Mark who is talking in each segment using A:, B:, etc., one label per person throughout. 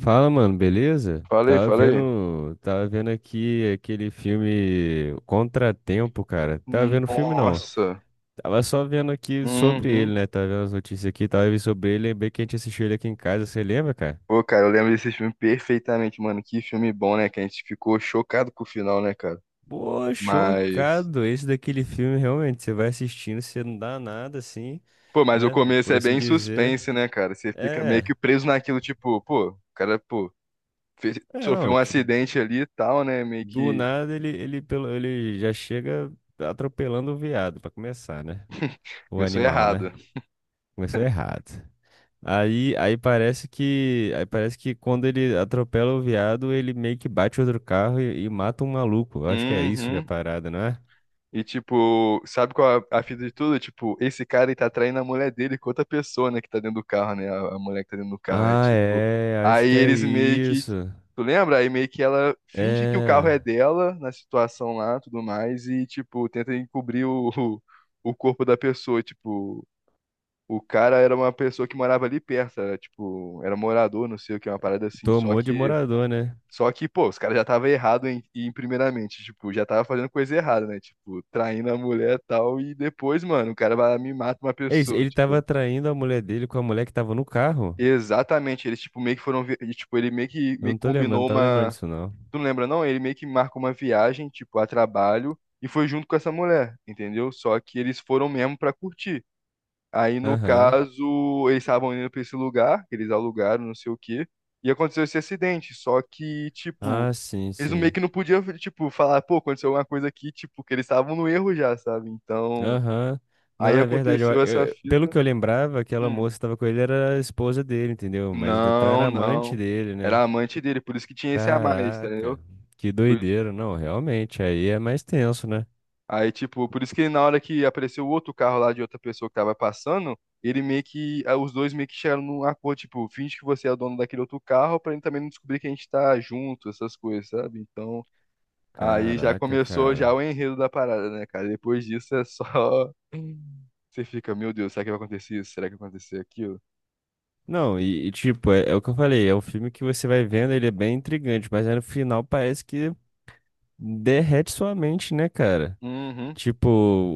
A: Fala, mano, beleza?
B: Falei,
A: Tava
B: falei.
A: vendo, tava vendo aqui aquele filme Contratempo, cara. Tava vendo filme não.
B: Nossa.
A: Tava só vendo aqui sobre ele,
B: Uhum.
A: né? Tava vendo as notícias aqui, tava vendo sobre ele, lembrei que a gente assistiu ele aqui em casa, você lembra, cara?
B: Pô, cara, eu lembro desse filme perfeitamente, mano. Que filme bom, né? Que a gente ficou chocado com o final, né, cara?
A: Pô,
B: Mas.
A: chocado. Esse daquele filme realmente, você vai assistindo, você não dá nada assim,
B: Pô, mas o
A: né?
B: começo
A: Por
B: é
A: assim
B: bem
A: dizer.
B: suspense, né, cara? Você fica meio que
A: É.
B: preso naquilo, tipo, pô, o cara, pô,
A: É,
B: sofreu um
A: não, tipo,
B: acidente ali e tal, né? Meio
A: do
B: que
A: nada ele já chega atropelando o veado pra começar, né? O
B: começou
A: animal,
B: errado.
A: né? Começou errado. Aí, aí parece que quando ele atropela o viado, ele meio que bate outro carro e mata um maluco. Eu acho que é isso que é a
B: Uhum.
A: parada, não é?
B: E, tipo, sabe qual é a fita de tudo? Tipo, esse cara ele tá traindo a mulher dele com outra pessoa, né, que tá dentro do carro, né? A mulher que tá dentro do carro. É
A: Ah,
B: tipo.
A: é, acho
B: Aí
A: que é
B: eles meio que.
A: isso.
B: Tu lembra? Aí meio que ela finge que o carro
A: É,
B: é dela na situação lá, tudo mais, e, tipo, tenta encobrir o corpo da pessoa. Tipo, o cara era uma pessoa que morava ali perto, era, tipo, era morador, não sei o que, uma parada assim.
A: tomou de morador, né?
B: Só que, pô, os caras já estavam errados em primeiramente, tipo, já tava fazendo coisa errada, né? Tipo, traindo a mulher e tal, e depois, mano, o cara vai lá e me mata uma
A: É isso,
B: pessoa,
A: ele tava
B: tipo.
A: traindo a mulher dele com a mulher que tava no carro?
B: Exatamente, eles, tipo, meio que foram, e, tipo, ele
A: Eu
B: meio
A: não
B: que
A: tô lembrando, não
B: combinou
A: tava lembrando
B: uma,
A: disso não.
B: tu não lembra não? Ele meio que marcou uma viagem, tipo, a trabalho, e foi junto com essa mulher, entendeu? Só que eles foram mesmo pra curtir. Aí, no
A: Aham.
B: caso, eles estavam indo pra esse lugar, que eles alugaram, não sei o quê, e aconteceu esse acidente, só que, tipo,
A: Ah, sim,
B: eles meio
A: sim.
B: que não podiam, tipo, falar, pô, aconteceu alguma coisa aqui, tipo, que eles estavam no erro já, sabe? Então,
A: Aham. Não,
B: aí
A: é verdade.
B: aconteceu essa
A: Pelo
B: fita.
A: que eu lembrava, aquela
B: Hum,
A: moça que tava com ele era a esposa dele, entendeu? Mas então
B: não,
A: era amante
B: não.
A: dele,
B: Era
A: né?
B: amante dele, por isso que tinha esse a mais,
A: Caraca,
B: entendeu?
A: que
B: Por-
A: doideira. Não, realmente, aí é mais tenso, né?
B: Aí, tipo, por isso que na hora que apareceu o outro carro lá de outra pessoa que tava passando, ele meio que, ah, os dois meio que chegaram num acordo, tipo, finge que você é o dono daquele outro carro pra ele também não descobrir que a gente tá junto, essas coisas, sabe? Então, aí já
A: Caraca,
B: começou já
A: cara.
B: o enredo da parada, né, cara? Depois disso é só você fica, meu Deus, será que vai acontecer isso? Será que vai acontecer aquilo?
A: Não, e tipo, é, é o que eu falei, é um filme que você vai vendo, ele é bem intrigante, mas aí no final parece que derrete sua mente, né, cara?
B: Uhum,
A: Tipo,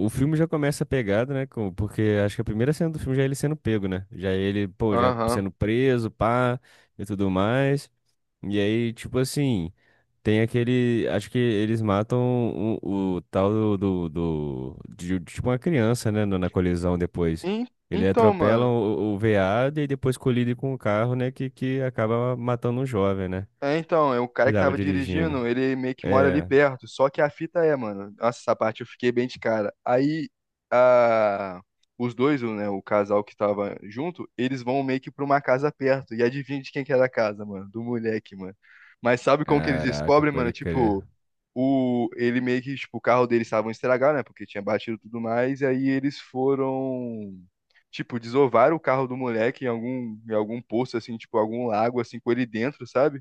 A: o filme já começa pegado, né? Porque acho que a primeira cena do filme já é ele sendo pego, né? Já é ele, pô, já
B: aham.
A: sendo preso, pá, e tudo mais. E aí, tipo assim, tem aquele. Acho que eles matam o tal de tipo uma criança, né? Na colisão depois.
B: En-
A: Ele
B: Então,
A: atropela
B: mano.
A: o veado e depois colide com o carro, né? Que acaba matando um jovem, né?
B: É, então, é o
A: Que
B: cara que
A: tava
B: tava
A: dirigindo.
B: dirigindo, ele meio que mora ali
A: É.
B: perto. Só que a fita é, mano. Nossa, essa parte eu fiquei bem de cara. Aí, a... os dois, né, o casal que tava junto, eles vão meio que pra uma casa perto. E adivinha de quem que era a casa, mano? Do moleque, mano. Mas sabe como que eles
A: Caraca,
B: descobrem, mano?
A: pode crer.
B: Tipo. Ele meio que, tipo, o carro deles estava estragado, né? Porque tinha batido e tudo mais. E aí eles foram, tipo, desovaram o carro do moleque em algum poço, assim, tipo, algum lago, assim, com ele dentro, sabe?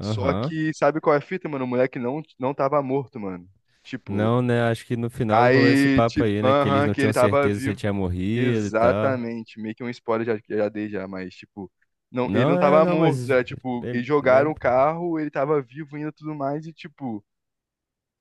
B: Só que, sabe qual é a fita, mano? O moleque não tava morto, mano. Tipo,
A: Não, né? Acho que no final rolou esse
B: aí,
A: papo
B: tipo,
A: aí, né? Que eles
B: aham,
A: não
B: que ele
A: tinham
B: tava
A: certeza se ele
B: vivo.
A: tinha morrido e tal.
B: Exatamente. Meio que um spoiler já, já dei já, mas, tipo. Não, ele não
A: Não, é,
B: tava
A: não,
B: morto,
A: mas.
B: era tipo, eles jogaram o
A: Lembro.
B: carro, ele tava vivo ainda e tudo mais, e tipo,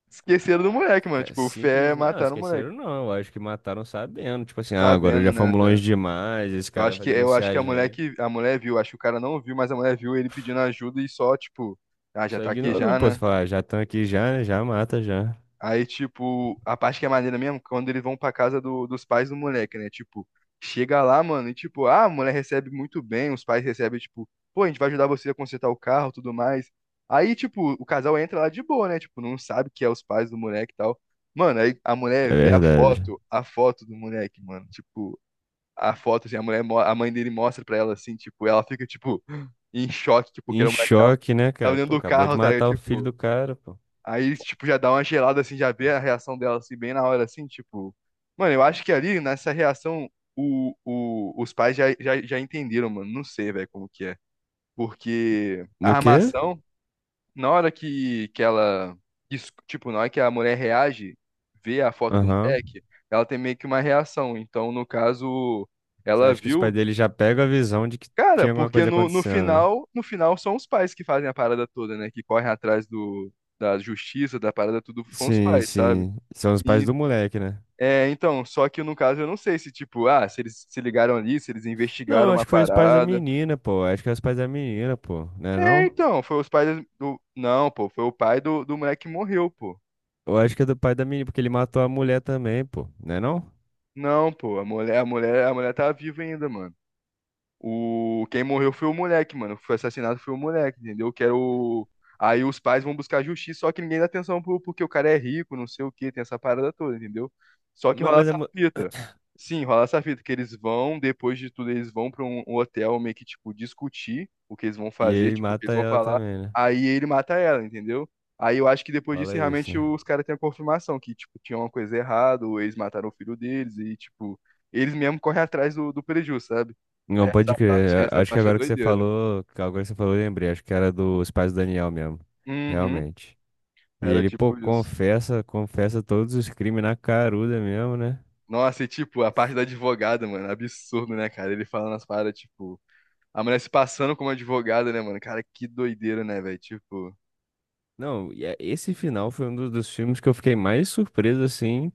B: esqueceram do moleque, mano.
A: Caraca,
B: Tipo, o fé
A: simplesmente. Não,
B: mataram o moleque.
A: esqueceram não. Eu acho que mataram sabendo. Tipo assim, ah, agora
B: Sabendo,
A: já
B: né,
A: fomos longe
B: velho?
A: demais. Esse
B: Eu
A: cara
B: acho
A: vai
B: que, eu acho
A: denunciar
B: que
A: a
B: a mulher
A: gente.
B: que, a mulher viu, acho que o cara não viu, mas a mulher viu ele pedindo ajuda e só, tipo, ah, já
A: Só
B: tá aqui
A: ignorou,
B: já,
A: pô. Você
B: né?
A: fala, ah, já estão aqui já, né? Já mata já.
B: Aí, tipo, a parte que é maneira mesmo, quando eles vão pra casa dos pais do moleque, né? Tipo, chega lá, mano, e tipo, ah, a mulher recebe muito bem, os pais recebem, tipo, pô, a gente vai ajudar você a consertar o carro, tudo mais. Aí, tipo, o casal entra lá de boa, né? Tipo, não sabe que é os pais do moleque e tal. Mano, aí a mulher
A: É
B: vê
A: verdade.
B: a foto do moleque, mano. Tipo, a foto, assim, a mulher, a mãe dele mostra pra ela, assim, tipo, ela fica, tipo, em choque, tipo, que
A: Em
B: era o moleque que tava,
A: choque, né,
B: tava
A: cara? Pô,
B: dentro do
A: acabou de
B: carro, tá ligado?
A: matar o filho
B: Tipo.
A: do cara, pô.
B: Aí, tipo, já dá uma gelada, assim, já vê a reação dela, assim, bem na hora, assim, tipo... Mano, eu acho que ali, nessa reação, os pais já entenderam, mano. Não sei, velho, como que é. Porque a
A: No quê?
B: armação, na hora que ela... Tipo, na hora que a mulher reage, vê a foto do
A: Aham.
B: moleque, ela tem meio que uma reação. Então, no caso,
A: Você
B: ela
A: acha que os pais
B: viu.
A: dele já pegam a visão de que
B: Cara,
A: tinha alguma
B: porque
A: coisa
B: no, no
A: acontecendo, né?
B: final, no final são os pais que fazem a parada toda, né? Que correm atrás do, da justiça, da parada, tudo são os
A: Sim,
B: pais, uhum, sabe?
A: sim. São os pais
B: E,
A: do moleque, né?
B: é, então, só que no caso eu não sei se, tipo, ah, se eles se ligaram ali, se eles
A: Não, eu
B: investigaram uma
A: acho que foi os pais da
B: parada.
A: menina, pô. Eu acho que é os pais da menina, pô. Né
B: É,
A: não?
B: então, foi os pais do. Não, pô, foi o pai do moleque que morreu, pô.
A: Eu acho que é do pai da menina, porque ele matou a mulher também, pô. Né não?
B: Não, pô, a mulher tá viva ainda, mano. O... Quem morreu foi o moleque, mano. Foi assassinado foi o moleque, entendeu? Que era o... Aí os pais vão buscar justiça, só que ninguém dá atenção pro... porque o cara é rico, não sei o quê, tem essa parada toda, entendeu? Só que
A: mas
B: rola
A: Mas, é...
B: essa fita. Sim, rola essa fita, que eles vão, depois de tudo, eles vão pra um hotel meio que, tipo, discutir o que eles vão
A: E
B: fazer,
A: aí
B: tipo, o que eles
A: mata
B: vão
A: ela
B: falar.
A: também, né?
B: Aí ele mata ela, entendeu? Aí eu acho que depois disso,
A: Fala isso,
B: realmente,
A: né?
B: os caras têm a confirmação que, tipo, tinha uma coisa errada, ou eles mataram o filho deles, e, tipo, eles mesmo correm atrás do prejuízo, sabe?
A: Não,
B: Essa
A: pode
B: parte,
A: crer.
B: essa
A: Acho que
B: parte é
A: agora que você
B: doideira.
A: falou, que agora que você falou, eu lembrei. Acho que era dos pais do Daniel mesmo.
B: Uhum.
A: Realmente. E
B: Era
A: ele, pô,
B: tipo isso.
A: confessa todos os crimes na caruda mesmo, né?
B: Nossa, e tipo, a parte da advogada, mano, absurdo, né, cara? Ele falando as paradas, tipo, a mulher se passando como advogada, né, mano? Cara, que doideira, né, velho? Tipo,
A: Não, esse final foi um dos filmes que eu fiquei mais surpreso, assim,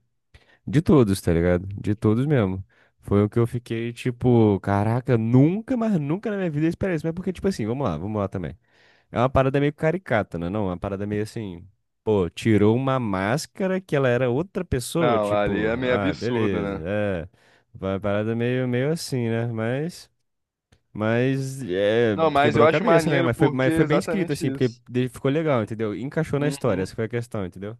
A: de todos, tá ligado? De todos mesmo. Foi o que eu fiquei, tipo, caraca, nunca, mas nunca na minha vida eu esperei isso. Mas é porque, tipo assim, vamos lá também. É uma parada meio caricata, né? Não, é uma parada meio assim, pô, tirou uma máscara que ela era outra pessoa,
B: não, ali
A: tipo,
B: é meio
A: ah,
B: absurdo,
A: beleza,
B: né?
A: é. Uma parada meio, meio assim, né? Mas, é,
B: Não, mas eu
A: quebrou a
B: acho
A: cabeça, né?
B: maneiro porque
A: Mas
B: é
A: foi bem escrito,
B: exatamente
A: assim, porque
B: isso.
A: ficou legal, entendeu? Encaixou na história,
B: Uhum.
A: essa foi a questão, entendeu?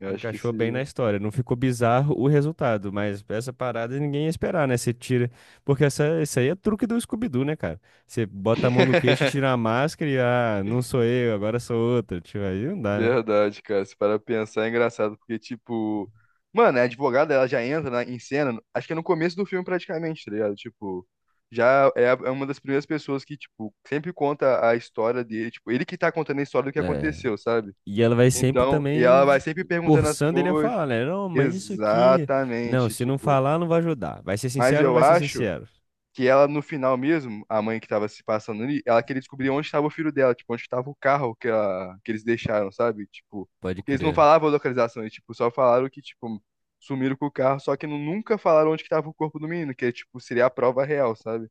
B: Eu acho que
A: Encaixou bem na
B: se.
A: história. Não ficou bizarro o resultado, mas essa parada ninguém ia esperar, né? Você tira. Porque essa, isso aí é truque do Scooby-Doo, né, cara? Você bota a mão no queixo, tira a máscara e, ah, não sou eu, agora sou outra. Tipo, aí não dá, né?
B: Verdade, cara. Se para pensar, é engraçado, porque, tipo, mano, a advogada ela já entra na, em cena, acho que é no começo do filme praticamente, tá ligado? Tipo, já é, é uma das primeiras pessoas que, tipo, sempre conta a história dele, tipo, ele que tá contando a história do que
A: É.
B: aconteceu, sabe?
A: E ela vai sempre
B: Então, e ela
A: também
B: vai sempre perguntando as
A: forçando ele a
B: coisas.
A: falar, né? Não, mas isso aqui. Não,
B: Exatamente,
A: se não
B: tipo.
A: falar, não vai ajudar. Vai ser
B: Mas
A: sincero ou não
B: eu
A: vai ser
B: acho
A: sincero?
B: que ela no final mesmo, a mãe que tava se passando ali, ela queria descobrir onde estava o filho dela, tipo, onde estava o carro que, ela, que eles deixaram, sabe? Tipo,
A: Pode
B: porque eles não
A: crer.
B: falavam a localização, eles, tipo, só falaram que, tipo, sumiram com o carro, só que nunca falaram onde que tava o corpo do menino, que, tipo, seria a prova real, sabe?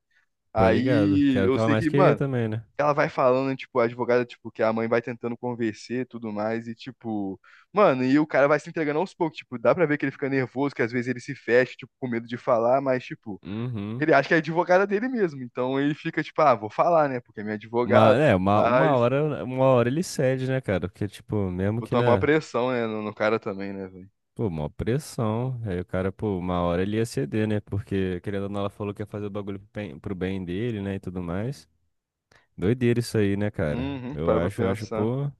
A: Tô ligado. Que
B: Aí
A: era o
B: eu
A: que ela
B: sei
A: mais
B: que,
A: queria
B: mano,
A: também, né?
B: ela vai falando, tipo, a advogada, tipo, que a mãe vai tentando convencer e tudo mais, e, tipo, mano, e o cara vai se entregando aos poucos, tipo, dá pra ver que ele fica nervoso, que às vezes ele se fecha, tipo, com medo de falar, mas, tipo, ele
A: Uhum.
B: acha que é advogada dele mesmo. Então ele fica tipo, ah, vou falar, né? Porque é minha
A: Uma,
B: advogada.
A: é, uma, uma
B: Mas
A: hora, uma hora ele cede, né, cara? Porque, tipo, mesmo que,
B: botou uma
A: né?
B: pressão, né, no cara também, né, velho?
A: Pô, uma pressão. Aí o cara, pô, uma hora ele ia ceder, né? Porque, querendo ou não, ela falou que ia fazer o bagulho pro bem dele, né? E tudo mais. Doideira isso aí, né, cara?
B: Uhum, tu
A: Eu
B: para pra
A: acho, eu acho,
B: pensar.
A: pô.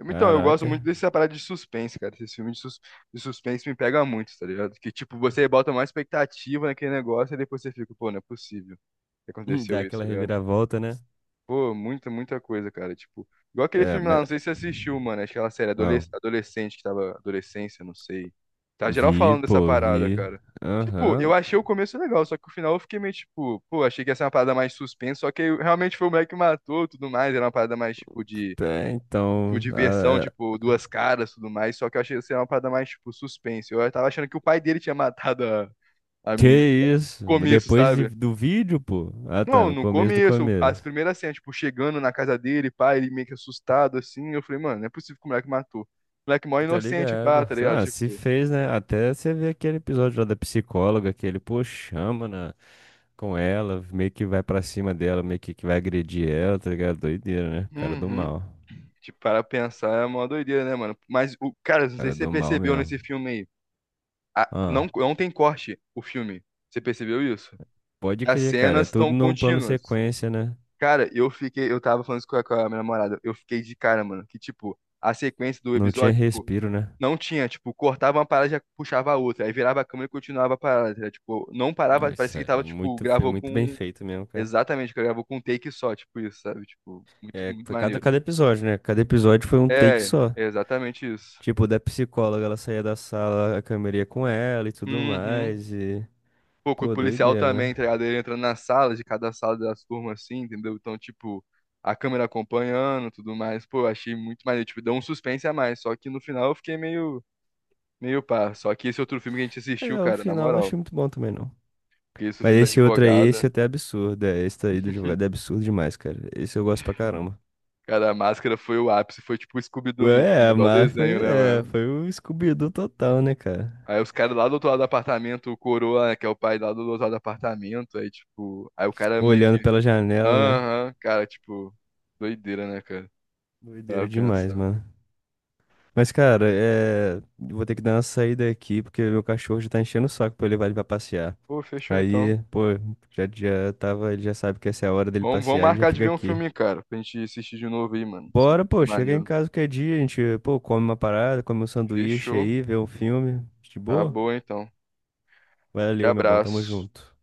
B: Então, eu gosto muito
A: Caraca.
B: dessa parada de suspense, cara. Esses filmes de, de suspense me pega muito, tá ligado? Que, tipo, você bota mais expectativa naquele negócio e depois você fica, pô, não é possível que
A: Dá
B: aconteceu isso,
A: aquela
B: tá ligado?
A: reviravolta, né?
B: Pô, muita coisa, cara. Tipo, igual aquele
A: É,
B: filme lá,
A: mas.
B: não sei se você assistiu, mano. Acho que é aquela série
A: Uau.
B: Adolescente, que tava adolescência, não sei. Tá geral
A: Vi,
B: falando dessa
A: pô,
B: parada,
A: vi.
B: cara. Tipo, eu
A: Aham.
B: achei o começo legal, só que o final eu fiquei meio tipo, pô, achei que ia ser uma parada mais suspense, só que aí realmente foi o moleque que matou e tudo mais. Era uma parada mais tipo de,
A: É,
B: tipo,
A: então.
B: diversão,
A: Ah, é.
B: tipo, duas caras e tudo mais. Só que eu achei que ia ser uma parada mais tipo suspense. Eu tava achando que o pai dele tinha matado a
A: Que
B: menina no
A: isso? Mas
B: começo,
A: depois
B: sabe?
A: do vídeo, pô? Ah, tá,
B: Não,
A: no
B: no
A: começo do
B: começo, as
A: começo.
B: primeiras cenas, tipo, chegando na casa dele, pá, ele meio que assustado, assim, eu falei, mano, não é possível que o moleque matou. O moleque é mó
A: Tá
B: inocente, pá,
A: ligado?
B: tá ligado?
A: Ah, se
B: Tipo,
A: fez, né? Até você vê aquele episódio lá da psicóloga que ele, pô, chama na, com ela, meio que vai pra cima dela, meio que vai agredir ela, tá ligado? Doideira, né? Cara do
B: uhum,
A: mal.
B: tipo, para pensar é uma doideira, né, mano? Mas, o cara, não sei
A: Cara
B: se você
A: do mal
B: percebeu
A: mesmo.
B: nesse filme aí,
A: Ah,
B: não, não tem corte o filme, você percebeu isso?
A: pode
B: As
A: crer, cara. É
B: cenas
A: tudo
B: estão
A: num plano
B: contínuas.
A: sequência, né?
B: Cara, eu fiquei, eu tava falando isso com a minha namorada, eu fiquei de cara, mano, que, tipo, a sequência do
A: Não tinha
B: episódio, tipo,
A: respiro, né?
B: não tinha, tipo, cortava uma parada e já puxava a outra. Aí virava a câmera e continuava a parada. Era, tipo, não
A: Não,
B: parava,
A: isso
B: parecia que
A: é
B: tava, tipo,
A: muito, foi
B: gravou
A: muito bem
B: com.
A: feito mesmo, cara.
B: Exatamente, que gravou com um take só, tipo isso, sabe? Tipo, muito,
A: É,
B: muito
A: foi cada,
B: maneiro.
A: cada episódio, né? Cada episódio foi um take
B: É,
A: só.
B: exatamente isso.
A: Tipo, da psicóloga, ela saía da sala, a câmera ia com ela e tudo
B: Uhum.
A: mais.
B: Pô, com o
A: Pô,
B: policial
A: doideira,
B: também,
A: né?
B: tá ligado? Ele entrando nas salas, de cada sala das turmas, assim, entendeu? Então, tipo, a câmera acompanhando, tudo mais. Pô, eu achei muito maneiro. Tipo, deu um suspense a mais. Só que no final eu fiquei meio pá. Só que esse outro filme que a gente assistiu,
A: É, o
B: cara, na
A: final eu não achei
B: moral.
A: muito bom também, não.
B: Que esse é o
A: Mas
B: filme da
A: esse outro aí,
B: advogada.
A: esse até é absurdo. É, esse aí do advogado é absurdo demais, cara. Esse eu gosto pra caramba.
B: Cara, a máscara foi o ápice, foi tipo o Scooby-Doo mesmo, né?
A: É,
B: Igual
A: mas
B: desenho,
A: foi,
B: né,
A: é,
B: mano?
A: foi o Scooby-Doo total, né, cara?
B: Aí os caras lá do outro lado do apartamento, o Coroa, né, que é o pai lá do outro lado do apartamento, aí tipo, aí o cara meio que,
A: Olhando pela janela, né?
B: aham, cara, tipo, doideira, né, cara? Pra
A: Doideira demais,
B: pensar.
A: mano. Mas, cara, é... eu vou ter que dar uma saída aqui, porque meu cachorro já tá enchendo o saco pra eu levar ele pra passear.
B: Pô, fechou então.
A: Aí, pô, já tava, ele já sabe que essa é a hora dele
B: Vamos, vamos
A: passear, ele já
B: marcar de
A: fica
B: ver um
A: aqui.
B: filme, cara, pra gente assistir de novo aí, mano.
A: Bora, pô, chega em
B: Maneiro.
A: casa qualquer dia, a gente, pô, come uma parada, come um sanduíche
B: Fechou.
A: aí, vê um filme, de
B: Tá,
A: boa?
B: acabou então. E
A: Valeu, meu bom, tamo
B: abraço.
A: junto.